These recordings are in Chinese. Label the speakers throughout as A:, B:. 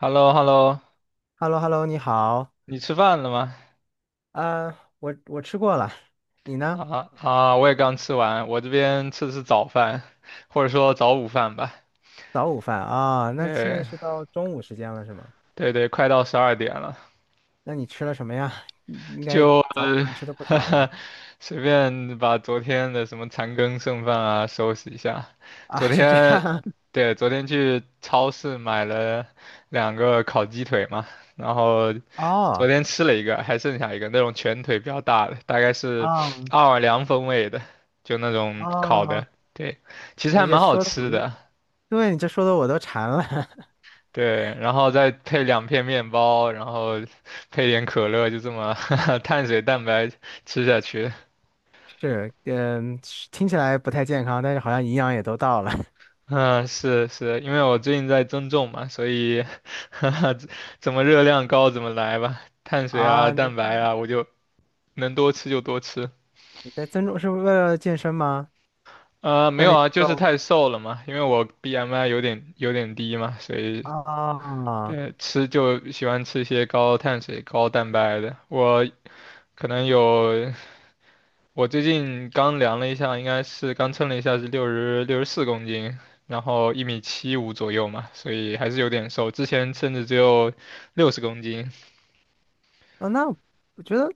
A: h e l l o h e l l o
B: hello hello 你好。
A: 你吃饭了吗？
B: 啊，我吃过了，你呢？
A: 我也刚吃完，我这边吃的是早饭，或者说早午饭吧。
B: 早午饭啊，那现在
A: 对
B: 是到中午时间了是吗？
A: 对，快到12点了。
B: 那你吃了什么呀？应该
A: 就
B: 早午饭吃的不少吧？
A: 呃 随便把昨天的什么残羹剩饭啊收拾一下。
B: 啊，
A: 昨
B: 是这
A: 天，
B: 样。
A: 对，昨天去超市买了2个烤鸡腿嘛，然后昨
B: 哦，
A: 天吃了一个，还剩下一个那种全腿比较大的，大概是
B: 哦，
A: 奥尔良风味的，就那种烤
B: 哦，
A: 的。对，其实还
B: 你这
A: 蛮好
B: 说的我
A: 吃
B: 都，
A: 的。
B: 对，你这说的我都馋了。
A: 对，然后再配两片面包，然后配点可乐，就这么 碳水蛋白吃下去。
B: 是，嗯，是听起来不太健康，但是好像营养也都到了。
A: 嗯，是，因为我最近在增重嘛，所以 哈哈，怎么热量高怎么来吧，碳水啊、
B: 啊，那
A: 蛋白啊，我就能多吃就多吃。
B: 你在增重是为了健身吗？
A: 啊、没
B: 锻
A: 有
B: 炼
A: 啊，
B: 肌
A: 就是
B: 肉
A: 太瘦了嘛，因为我 BMI 有点低嘛，所以
B: 啊，
A: 对吃就喜欢吃一些高碳水、高蛋白的。我可能有我最近刚量了一下，应该是刚称了一下是六十四公斤，然后1米75左右嘛，所以还是有点瘦。之前甚至只有60公斤
B: 啊，那我觉得。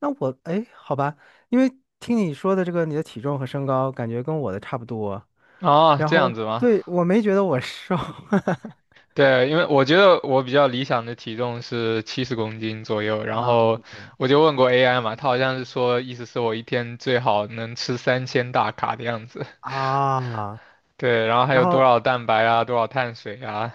B: 那我哎，好吧，因为听你说的这个你的体重和身高，感觉跟我的差不多。
A: 啊，
B: 然
A: 这
B: 后
A: 样子吗？
B: 对，我没觉得我瘦
A: 对，因为我觉得我比较理想的体重是70公斤左右，然
B: 啊
A: 后
B: ，OK
A: 我就问过 AI 嘛，他好像是说意思是我一天最好能吃3000大卡的样子。
B: 啊。
A: 对，然后还
B: 然
A: 有多
B: 后
A: 少蛋白啊，多少碳水啊？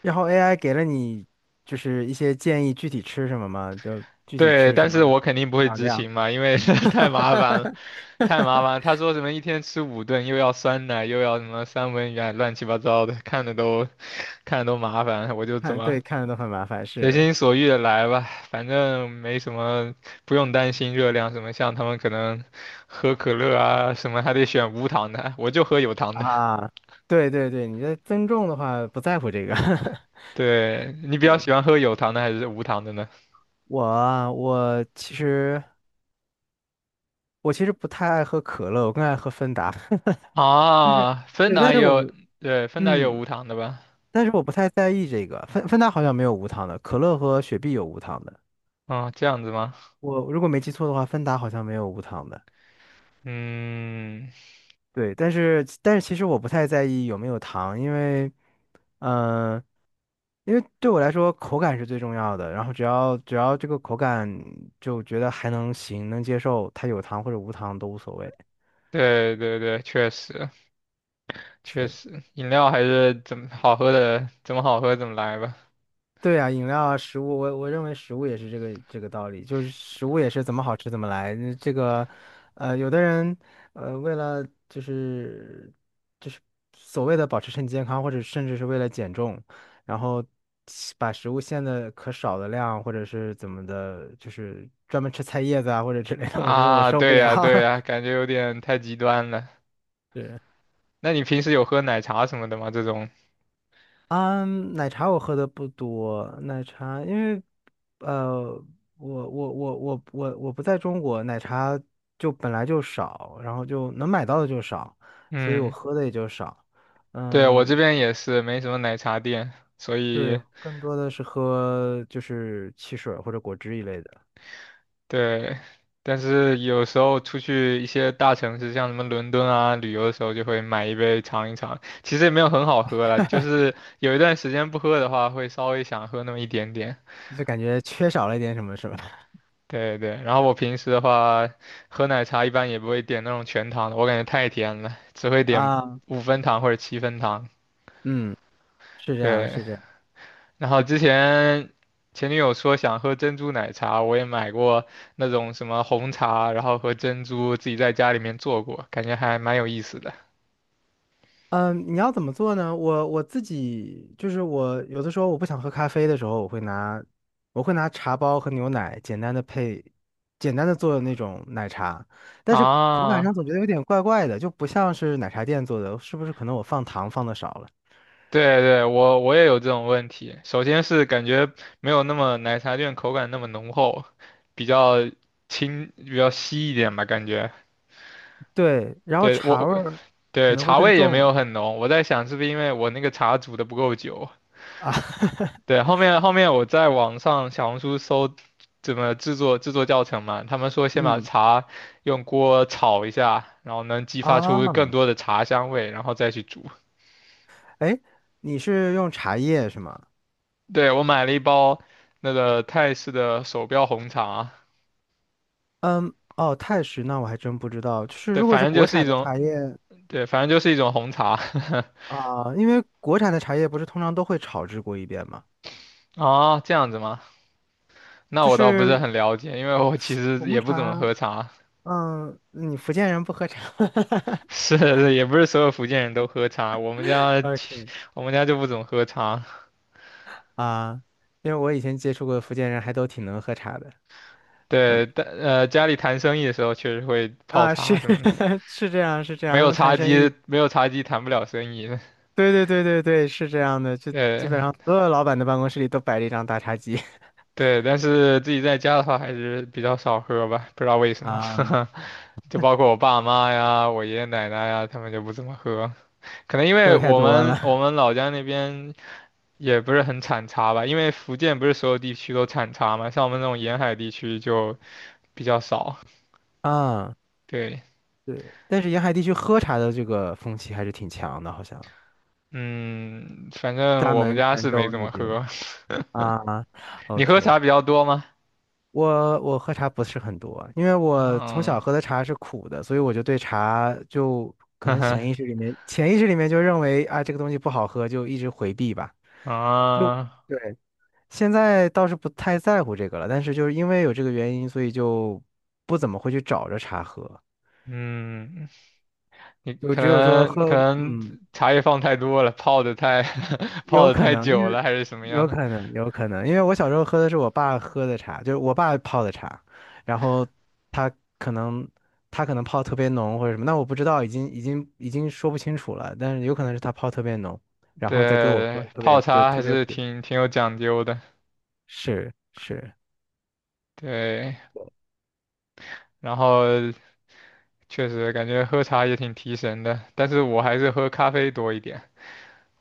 B: 然后 AI 给了你就是一些建议，具体吃什么吗？就具体
A: 对，
B: 吃什
A: 但
B: 么
A: 是我肯定不
B: 多
A: 会
B: 少
A: 执
B: 量？
A: 行嘛，因为 太麻烦了。太麻烦了他说什么1天吃5顿，又要酸奶，又要什么三文鱼啊，乱七八糟的，看的都 看的都麻烦。我就怎
B: 看
A: 么
B: 对，看着都很麻烦，
A: 随
B: 是
A: 心所欲的来吧，反正没什么，不用担心热量什么。像他们可能喝可乐啊什么，还得选无糖的，我就喝有 糖的。
B: 啊，对对对，你的增重的话不在乎这个。
A: 对，你比较喜欢
B: 对。
A: 喝有糖的还是无糖的呢？
B: 我啊我其实。我其实不太爱喝可乐，我更爱喝芬达。就是，
A: 啊，芬
B: 对，但
A: 达也
B: 是我
A: 有，对，芬达也有
B: 嗯，
A: 无糖的吧？
B: 但是我不太在意这个。芬达好像没有无糖的，可乐和雪碧有无糖的。
A: 啊，这样子吗？
B: 我如果没记错的话，芬达好像没有无糖的。
A: 嗯，
B: 对，但是但是其实我不太在意有没有糖，因为嗯、呃因为对我来说口感是最重要的。然后只要这个口感就觉得还能行，能接受，它有糖或者无糖都无所谓。
A: 对对对，确实。确
B: 是。
A: 实，饮料还是怎么好喝的，怎么好喝怎么来吧。
B: 对啊，饮料啊，食物，我认为食物也是这个这个道理，就是食物也是怎么好吃怎么来。嗯这个，有的人，为了就是所谓的保持身体健康，或者甚至是为了减重，然后吃把食物限的可少的量，或者是怎么的，就是专门吃菜叶子啊或者之类的，我觉得我
A: 啊，
B: 受不
A: 对
B: 了。
A: 呀，对呀，感觉有点太极端了。
B: 对啊
A: 那你平时有喝奶茶什么的吗？这种？
B: 嗯，奶茶我喝的不多，奶茶因为，呃，我不在中国，奶茶就本来就少，然后就能买到的就少，所以我
A: 嗯，
B: 喝的也就少。
A: 对，我这
B: 嗯，
A: 边也是没什么奶茶店，所以
B: 对，更多的是喝就是汽水儿或者果汁一类的，
A: 对，但是有时候出去一些大城市，像什么伦敦啊，旅游的时候就会买一杯尝一尝。其实也没有很好喝了，就是有一段时间不喝的话，会稍微想喝那么一点点。
B: 就感觉缺少了一点什么什么。
A: 对对，然后我平时的话，喝奶茶一般也不会点那种全糖的，我感觉太甜了，只会点
B: 啊，
A: 5分糖或者7分糖。
B: 嗯，是这样，
A: 对，
B: 是这样。
A: 然后之前前女友说想喝珍珠奶茶，我也买过那种什么红茶，然后和珍珠自己在家里面做过，感觉还蛮有意思的。
B: 嗯，你要怎么做呢？我自己就是我有的时候我不想喝咖啡的时候，我会拿茶包和牛奶简单的配，简单的做那种奶茶，但是口感上
A: 啊，
B: 总觉得有点怪怪的，就不像是奶茶店做的，是不是可能我放糖放的少了？
A: 对对，我也有这种问题。首先是感觉没有那么奶茶店口感那么浓厚，比较轻，比较稀一点吧，感觉。
B: 对，然后
A: 对，
B: 茶味
A: 我
B: 儿可
A: 对，
B: 能会
A: 茶
B: 更
A: 味也没
B: 重
A: 有很浓。我在想是不是因为我那个茶煮的不够久？
B: 啊，
A: 对，后面我在网上小红书搜怎么制作教程嘛，他们说先把
B: 嗯
A: 茶用锅炒一下，然后能激发
B: 啊，
A: 出更多的茶香味，然后再去煮。
B: 哎，你是用茶叶是吗？
A: 对，我买了一包那个泰式的手标红茶，
B: 嗯，哦，泰式那我还真不知道，就是
A: 对，
B: 如果
A: 反
B: 是
A: 正就
B: 国
A: 是一
B: 产的
A: 种
B: 茶叶。
A: 对，反正就是一种红茶。
B: 啊，因为国产的茶叶不是通常都会炒制过一遍吗？
A: 啊，这样子吗？那
B: 就
A: 我倒不是
B: 是
A: 很了解，因为我其实
B: 红
A: 也不怎么
B: 茶，
A: 喝茶。
B: 嗯，你福建人不喝茶
A: 是是也不是所有福建人都喝茶，
B: ，OK
A: 我们家就不怎么喝茶。
B: 啊，因为我以前接触过福建人，还都挺能喝茶的
A: 对，但家里谈生意的时候确实会泡
B: 啊，是
A: 茶什么的，
B: 是这样是这样，他们谈生意，
A: 没有茶几谈不了生意。
B: 对对对对对，是这样的，就基
A: 对
B: 本上所有老板的办公室里都摆着一张大茶几
A: 对，但是自己在家的话还是比较少喝吧，不知道为什么。
B: 啊，
A: 就包括我爸妈呀、我爷爷奶奶呀，他们就不怎么喝，可能因
B: 喝
A: 为
B: 的太
A: 我
B: 多
A: 们我
B: 了
A: 们老家那边也不是很产茶吧，因为福建不是所有地区都产茶嘛，像我们这种沿海地区就比较少。
B: 啊，
A: 对，
B: 对，但是沿海地区喝茶的这个风气还是挺强的，好像
A: 嗯，反正
B: 厦
A: 我们
B: 门、
A: 家
B: 泉
A: 是没
B: 州
A: 怎
B: 那
A: 么
B: 边。
A: 喝。
B: 啊
A: 你喝
B: ，OK,
A: 茶比较多吗？
B: 我我喝茶不是很多，因为我从
A: 嗯，
B: 小喝的茶是苦的，所以我就对茶就 可
A: 呵
B: 能潜
A: 呵，
B: 意识里面潜意识里面就认为啊这个东西不好喝，就一直回避吧。就
A: 啊，
B: 对，现在倒是不太在乎这个了，但是就是因为有这个原因，所以就不怎么会去找着茶喝，
A: 嗯，你
B: 就
A: 可
B: 只有说
A: 能可
B: 喝，
A: 能
B: 嗯，
A: 茶叶放太多了，泡的太 泡
B: 有
A: 的
B: 可
A: 太
B: 能，因
A: 久
B: 为
A: 了，还是什么
B: 有
A: 样？
B: 可能，有可能，因为我小时候喝的是我爸喝的茶，就是我爸泡的茶，然后他可能泡特别浓或者什么，那我不知道，已经说不清楚了，但是有可能是他泡特别浓，然后再给我喝，
A: 对，
B: 特
A: 泡
B: 别就
A: 茶
B: 特
A: 还
B: 别
A: 是
B: 苦。
A: 挺有讲究的。
B: 是是，
A: 对，然后确实感觉喝茶也挺提神的，但是我还是喝咖啡多一点。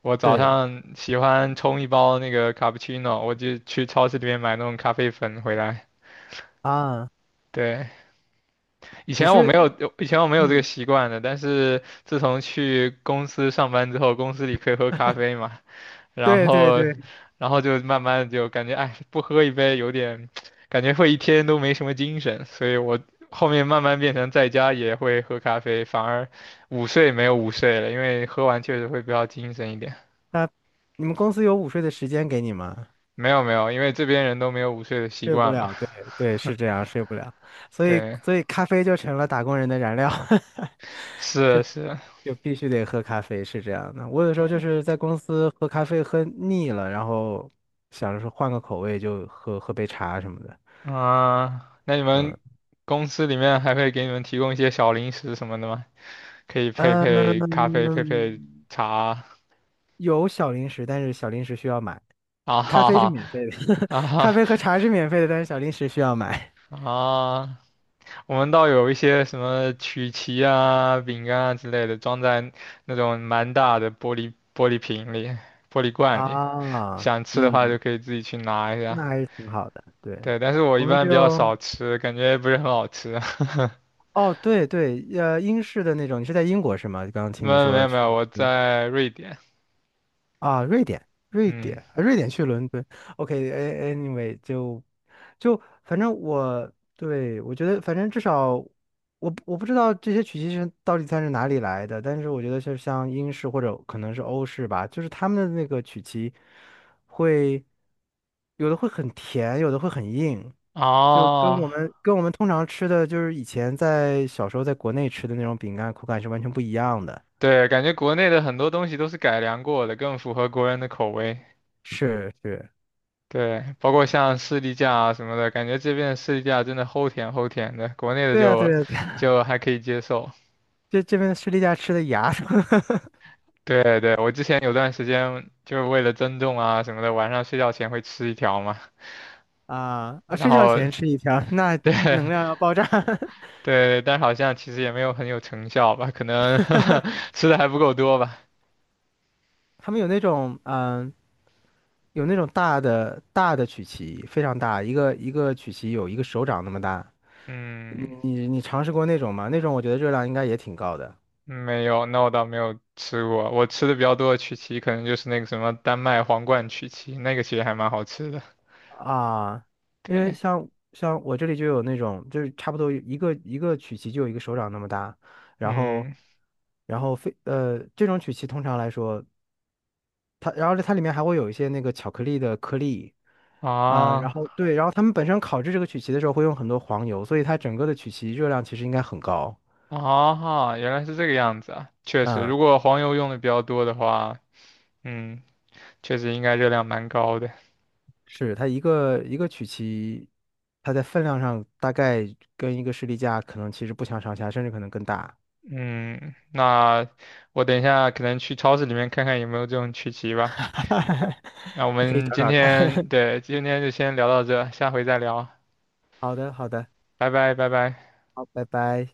A: 我早
B: 对
A: 上喜欢冲一包那个卡布奇诺，我就去超市里面买那种咖啡粉回来。
B: 啊，
A: 对，以
B: 你
A: 前我没
B: 是
A: 有，以前我没有这个
B: 嗯，
A: 习惯的，但是自从去公司上班之后，公司里可以喝咖啡嘛，然
B: 对对
A: 后，
B: 对，
A: 然后就慢慢地就感觉，哎，不喝一杯有点，感觉会一天都没什么精神，所以我后面慢慢变成在家也会喝咖啡，反而午睡没有午睡了，因为喝完确实会比较精神一点。
B: 那你们公司有午睡的时间给你吗？
A: 没有没有，因为这边人都没有午睡的习
B: 睡不
A: 惯嘛。
B: 了，对 对，是这样，睡不了，所以
A: 对，
B: 所以咖啡就成了打工人的燃料。
A: 是是，
B: 就必须得喝咖啡，是这样的。我有时候
A: 对，
B: 就是在公司喝咖啡喝腻了，然后想着说换个口味，就喝喝杯茶什么的。
A: 啊，那你们
B: 嗯，
A: 公司里面还会给你们提供一些小零食什么的吗？可以配咖啡，配
B: 嗯，
A: 茶。
B: 有小零食，但是小零食需要买。
A: 啊
B: 咖
A: 哈
B: 啡是
A: 哈
B: 免费的，
A: 啊
B: 咖
A: 哈
B: 啡和茶是免费的，但是小零食需要买。
A: 啊！我们倒有一些什么曲奇啊、饼干啊之类的，装在那种蛮大的玻璃瓶里、玻璃罐里，
B: 啊，
A: 想吃的话就
B: 嗯，
A: 可以自己去拿一下。
B: 那还是挺好的。对，
A: 对，但是我一
B: 我们
A: 般比较
B: 就，
A: 少吃，感觉不是很好吃。
B: 哦，对对，呃，英式的那种，你是在英国是吗？刚刚听
A: 没
B: 你
A: 有没
B: 说
A: 有没
B: 去。
A: 有，我
B: 嗯。
A: 在瑞典。
B: 啊，瑞典，瑞典，
A: 嗯，
B: 啊瑞典去伦敦OK，anyway，就反正我对我觉得，反正至少我不知道这些曲奇是到底算是哪里来的，但是我觉得就是像英式或者可能是欧式吧，就是他们的那个曲奇会有的会很甜，有的会很硬，就跟
A: 哦，
B: 我们通常吃的就是以前在小时候在国内吃的那种饼干口感是完全不一样的。
A: 对，感觉国内的很多东西都是改良过的，更符合国人的口味。
B: 是是，
A: 对，包括像士力架啊什么的，感觉这边的士力架真的齁甜齁甜的，国内的
B: 对啊
A: 就
B: 对啊
A: 就还可以接受。
B: 这边士力架吃的牙
A: 对对，我之前有段时间就是为了增重啊什么的，晚上睡觉前会吃1条嘛，
B: 啊啊！
A: 然
B: 睡觉
A: 后
B: 前吃一条，那
A: 对
B: 能量要爆炸。
A: 对，但是好像其实也没有很有成效吧，可能 吃的还不够多吧。
B: 他们有那种嗯，有那种大的大的曲奇，非常大，一个一个曲奇有一个手掌那么大。你
A: 嗯。
B: 你你尝试过那种吗？那种我觉得热量应该也挺高的
A: 没有，那我倒没有吃过。我吃的比较多的曲奇，可能就是那个什么丹麦皇冠曲奇，那个其实还蛮好吃的。
B: 啊，因为
A: 对，
B: 像我这里就有那种，就是差不多一个一个曲奇就有一个手掌那么大，然后
A: 嗯，
B: 然后非这种曲奇通常来说。它，然后它里面还会有一些那个巧克力的颗粒，然
A: 啊
B: 后对，然后他们本身烤制这个曲奇的时候会用很多黄油，所以它整个的曲奇热量其实应该很高。
A: 啊，原来是这个样子啊。确实，
B: 嗯，
A: 如果黄油用的比较多的话，嗯，确实应该热量蛮高的。
B: 是它一个一个曲奇，它在分量上大概跟一个士力架可能其实不相上下，甚至可能更大。
A: 嗯，那我等一下可能去超市里面看看有没有这种曲奇吧。那我
B: 你可以
A: 们
B: 找
A: 今
B: 找
A: 天，
B: 看。
A: 对，今天就先聊到这，下回再聊，
B: 好的，好的，
A: 拜拜，拜拜。
B: 好，拜拜。